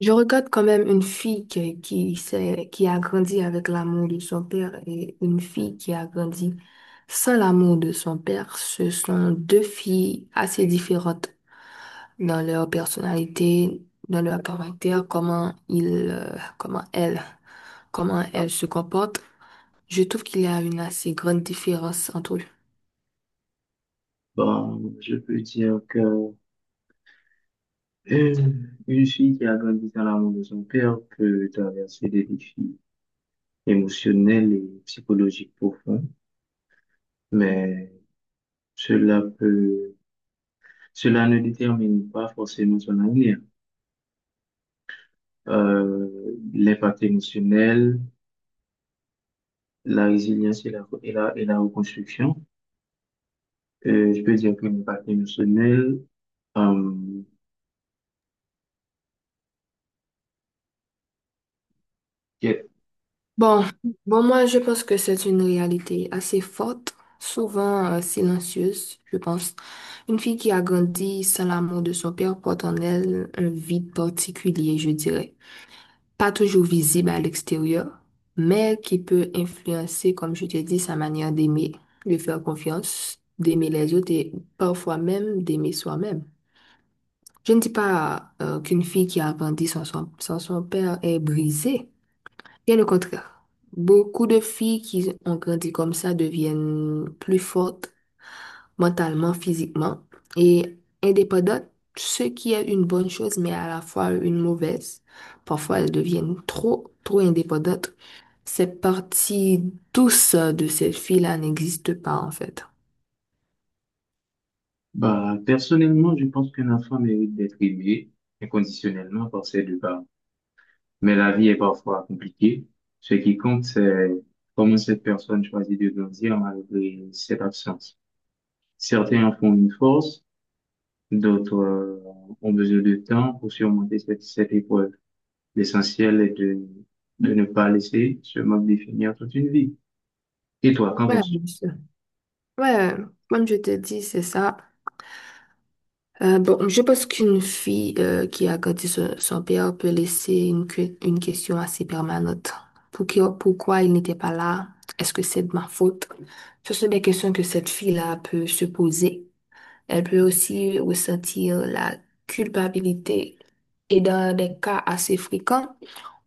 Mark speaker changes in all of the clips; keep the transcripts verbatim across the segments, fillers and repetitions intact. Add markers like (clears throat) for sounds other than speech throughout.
Speaker 1: Je regarde quand même une fille qui, qui, s'est- qui a grandi avec l'amour de son père et une fille qui a grandi sans l'amour de son père. Ce sont deux filles assez différentes dans leur personnalité, dans leur caractère, comment ils, euh, comment elles, comment elles se comportent. Je trouve qu'il y a une assez grande différence entre eux.
Speaker 2: Bon, je peux dire que (clears throat) euh, une fille qui a grandi dans l'amour de son père peut traverser des défis émotionnels et psychologiques profonds, mais cela peut, cela ne détermine pas forcément son avenir. Euh, L'impact émotionnel, la résilience et la, et la, et la reconstruction. Euh, je peux dire que l'impact émotionnel, euh, que-
Speaker 1: Bon, bon, moi, je pense que c'est une réalité assez forte, souvent euh, silencieuse, je pense. Une fille qui a grandi sans l'amour de son père porte en elle un vide particulier, je dirais. Pas toujours visible à l'extérieur, mais qui peut influencer, comme je t'ai dit, sa manière d'aimer, de faire confiance, d'aimer les autres et parfois même d'aimer soi-même. Je ne dis pas euh, qu'une fille qui a grandi sans son, sans son père est brisée. Bien le contraire. Beaucoup de filles qui ont grandi comme ça deviennent plus fortes mentalement, physiquement et indépendantes, ce qui est une bonne chose, mais à la fois une mauvaise. Parfois, elles deviennent trop, trop indépendantes. Cette partie douce de cette fille-là n'existe pas, en fait.
Speaker 2: bah, personnellement, je pense qu'un enfant mérite d'être aimé inconditionnellement par ses deux parents. Mais la vie est parfois compliquée. Ce qui compte, c'est comment cette personne choisit de grandir malgré cette absence. Certains en font une force, d'autres euh, ont besoin de temps pour surmonter cette, cette épreuve. L'essentiel est de, de ne pas laisser ce manque définir toute une vie. Et toi, qu'en
Speaker 1: Ouais,
Speaker 2: penses-tu?
Speaker 1: bien sûr. Ouais, comme je te dis, c'est ça. Euh, bon, je pense qu'une fille euh, qui a grandi sur son père peut laisser une, que- une question assez permanente. Pour qui- pourquoi il n'était pas là? Est-ce que c'est de ma faute? Ce sont des questions que cette fille-là peut se poser. Elle peut aussi ressentir la culpabilité. Et dans des cas assez fréquents,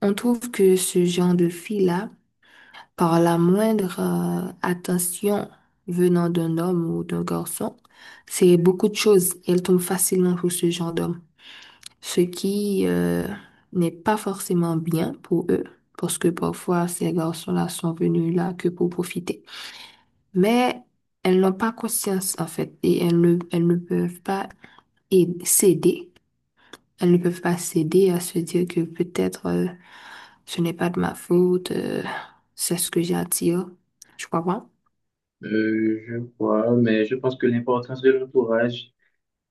Speaker 1: on trouve que ce genre de fille-là par la moindre euh, attention venant d'un homme ou d'un garçon, c'est beaucoup de choses. Elle tombe facilement pour ce genre d'homme, ce qui euh, n'est pas forcément bien pour eux, parce que parfois ces garçons-là sont venus là que pour profiter. Mais elles n'ont pas conscience en fait, et elles ne, elles ne peuvent pas aid- céder. Elles ne peuvent pas céder à se dire que peut-être euh, ce n'est pas de ma faute, euh, c'est ce que j'attire. Je crois pas.
Speaker 2: Euh, je crois, mais je pense que l'importance de l'entourage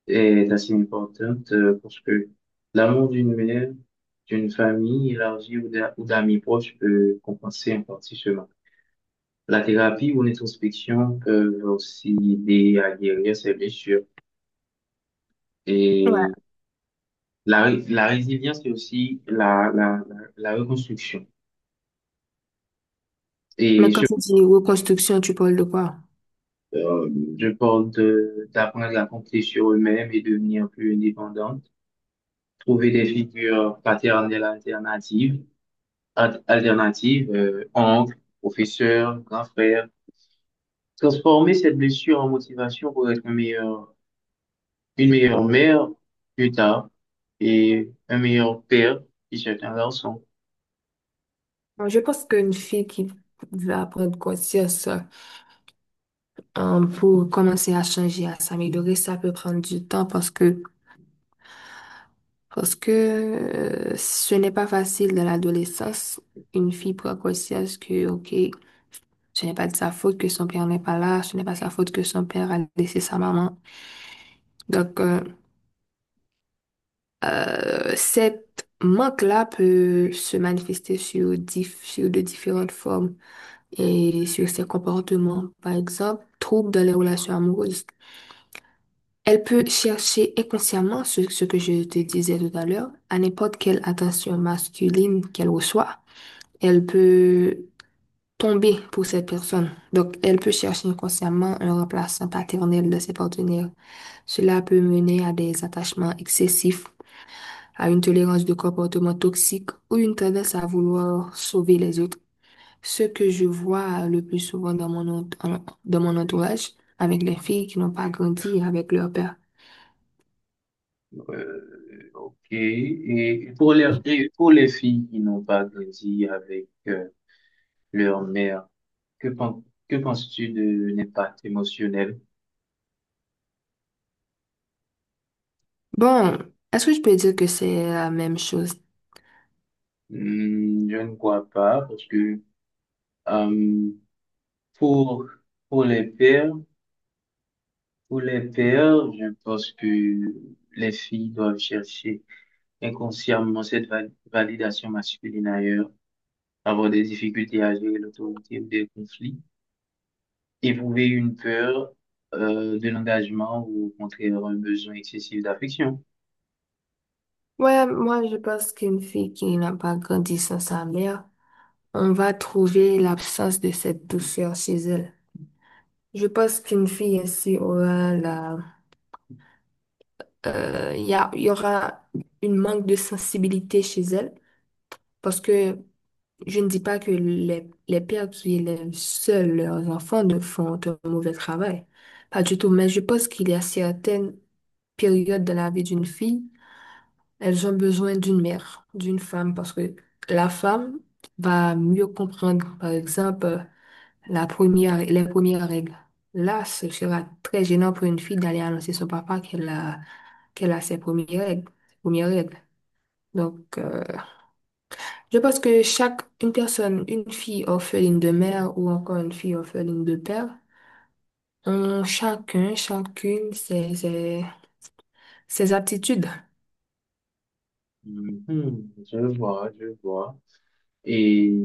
Speaker 2: est assez importante euh, parce que l'amour d'une mère, d'une famille élargie ou d'a- ou d'amis proches peut compenser en partie ce manque. La thérapie ou l'introspection peuvent aussi aider à guérir ces blessures. Et la, ré- la résilience est aussi la, la, la, la reconstruction. Et
Speaker 1: Mais quand
Speaker 2: je,
Speaker 1: tu dis reconstruction, tu parles de quoi?
Speaker 2: euh, je parle de, d'apprendre à compter sur eux-mêmes et devenir plus indépendante, trouver des figures paternelles alternatives al- alternative, euh, oncle, professeur, grand frère. Transformer cette blessure en motivation pour être un meilleur, une meilleure mère plus tard et un meilleur père si c'est un garçon.
Speaker 1: Euh, Je pense qu'une fille qui va prendre conscience euh, pour commencer à changer, à s'améliorer, ça peut prendre du temps parce que, parce que euh, ce n'est pas facile dans l'adolescence. Une fille prend conscience que, OK, ce n'est pas de sa faute que son père n'est pas là, ce n'est pas sa faute que son père a laissé sa maman. Donc, euh, euh, cette manque-là peut se manifester sur, dif- sur de différentes formes, et sur ses comportements. Par exemple, trouble dans les relations amoureuses. Elle peut chercher inconsciemment ce, ce que je te disais tout à l'heure, à n'importe quelle attention masculine qu'elle reçoit. Elle peut tomber pour cette personne. Donc, elle peut chercher inconsciemment un remplaçant paternel de ses partenaires. Cela peut mener à des attachements excessifs, à une tolérance de comportements toxiques ou une tendance à vouloir sauver les autres. Ce que je vois le plus souvent dans mon, ent- en- dans mon entourage, avec les filles qui n'ont pas grandi avec leur père.
Speaker 2: Euh, ok. Et pour les, et pour les filles qui n'ont pas grandi avec euh, leur mère, que, pen- que penses-tu de l'impact émotionnel?
Speaker 1: Bon, est-ce que je peux dire que c'est la même chose?
Speaker 2: Hmm, je ne crois pas parce que euh, pour, pour les pères, pour les pères, je pense que les filles doivent chercher inconsciemment cette va- validation masculine ailleurs, avoir des difficultés à gérer l'autorité ou des conflits, éprouver une peur euh, de l'engagement ou au contraire un besoin excessif d'affection.
Speaker 1: Ouais, moi je pense qu'une fille qui n'a pas grandi sans sa mère, on va trouver l'absence de cette douceur chez elle. Je pense qu'une fille ainsi aura la, euh, il y a- il y aura une manque de sensibilité chez elle parce que je ne dis pas que les, les pères qui élèvent seuls leurs enfants ne font un mauvais travail. Pas du tout, mais je pense qu'il y a certaines périodes dans la vie d'une fille, elles ont besoin d'une mère, d'une femme, parce que la femme va mieux comprendre, par exemple, la première, les premières règles. Là, ce sera très gênant pour une fille d'aller annoncer son papa qu'elle a, qu'elle a ses premières règles, ses premières règles. Donc, euh, je pense que chaque une personne, une fille orpheline de mère ou encore une fille orpheline de père, ont chacun, chacune ses, ses, ses aptitudes.
Speaker 2: Mhm, je vois, je vois. Et,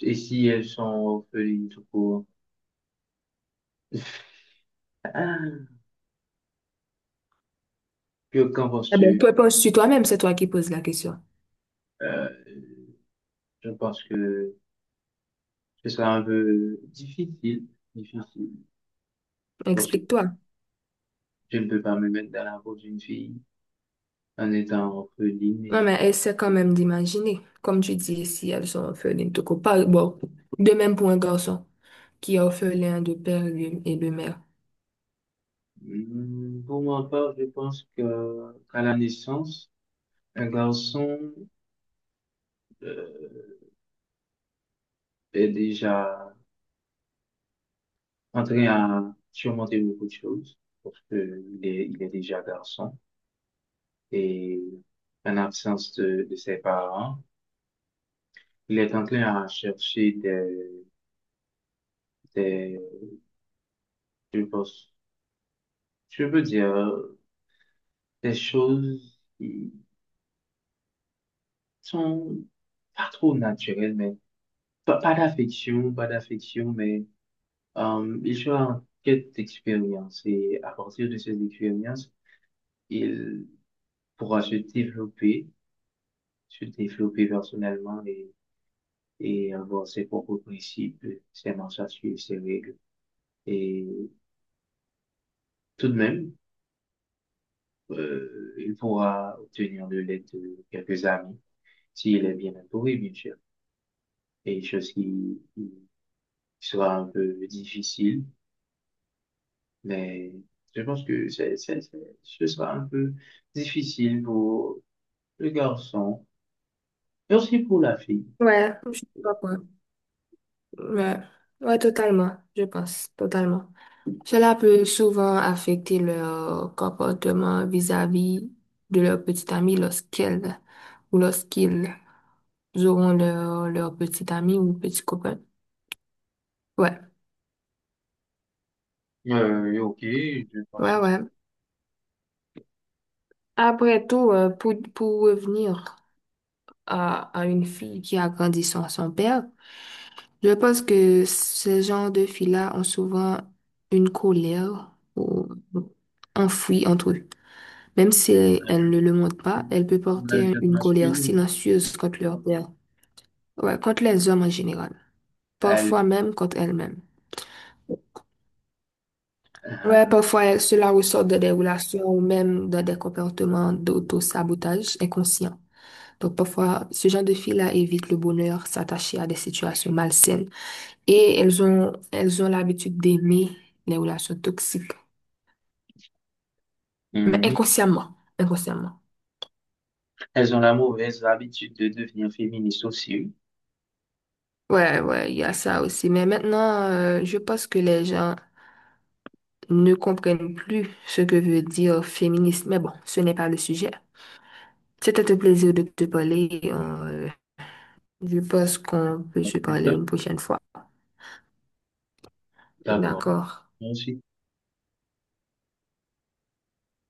Speaker 2: et si elles sont orphelines tout court? Ah, que- qu'en
Speaker 1: Eh ben,
Speaker 2: penses-tu?
Speaker 1: toi, penses-tu toi-même, c'est toi qui poses la question.
Speaker 2: Euh, je pense que ce sera un peu difficile, difficile. Parce que
Speaker 1: Explique-toi.
Speaker 2: je ne peux pas me mettre dans la peau d'une fille en étant orpheline.
Speaker 1: Non,
Speaker 2: Et...
Speaker 1: mais essaie quand même d'imaginer. Comme tu dis, si elles sont orphelines, de court. Bon, de même pour un garçon qui est orphelin de père lui, et de mère.
Speaker 2: Hmm, pour ma part, je pense que qu'à la naissance, un garçon euh, est déjà en train à surmonter beaucoup de choses parce que il est, il est déjà garçon et en absence de, de ses parents, il est en train à chercher des, des, je pense, je veux dire, des choses qui sont pas trop naturelles, mais Pas, pas d'affection, pas d'affection, mais euh, il sera en quête d'expérience et à partir de ces expériences, il pourra se développer, se développer personnellement et, et avoir ses propres principes, ses marches à suivre, ses règles. Et tout de même, euh, il pourra obtenir de l'aide de quelques amis s'il est bien entouré, bien sûr. Et chose qui, qui sera un peu difficile. Mais je pense que c'est, c'est- c'est- ce sera un peu difficile pour le garçon et aussi pour la fille.
Speaker 1: Ouais, je sais pas quoi. Ouais, ouais, totalement, je pense, totalement. Cela peut souvent affecter leur comportement vis-à-vis de leur petite amie lorsqu'elles ou lorsqu'ils auront leur, leur petite amie ou petit copain. Ouais,
Speaker 2: Euh, et ok, je pense
Speaker 1: ouais,
Speaker 2: aussi
Speaker 1: ouais. Après tout, euh, pour, pour revenir à, à une fille qui a grandi sans son père, je pense que ce genre de filles-là ont souvent une colère ou enfouie entre eux. Même si
Speaker 2: à la
Speaker 1: elles ne le montrent pas, elles peuvent
Speaker 2: pour la
Speaker 1: porter
Speaker 2: jeune
Speaker 1: une colère
Speaker 2: masculine.
Speaker 1: silencieuse contre leur père. Ouais, contre les hommes en général. Parfois
Speaker 2: Elles,
Speaker 1: même contre elles-mêmes. Ouais,
Speaker 2: euh,
Speaker 1: parfois elles- cela ressort de des relations ou même de des comportements d'auto-sabotage inconscient. Donc parfois, ce genre de filles-là évitent le bonheur, s'attacher à des situations malsaines et elles ont elles ont l'habitude d'aimer les relations toxiques, mais
Speaker 2: mhm.
Speaker 1: inconsciemment, inconsciemment.
Speaker 2: Elles ont la mauvaise habitude de devenir féministes aussi.
Speaker 1: Ouais, ouais, il y a ça aussi. Mais maintenant, euh, je pense que les gens ne comprennent plus ce que veut dire féministe. Mais bon, ce n'est pas le sujet. C'était un plaisir de te parler. Euh, je pense qu'on peut se parler une prochaine fois.
Speaker 2: D'accord.
Speaker 1: D'accord.
Speaker 2: Merci.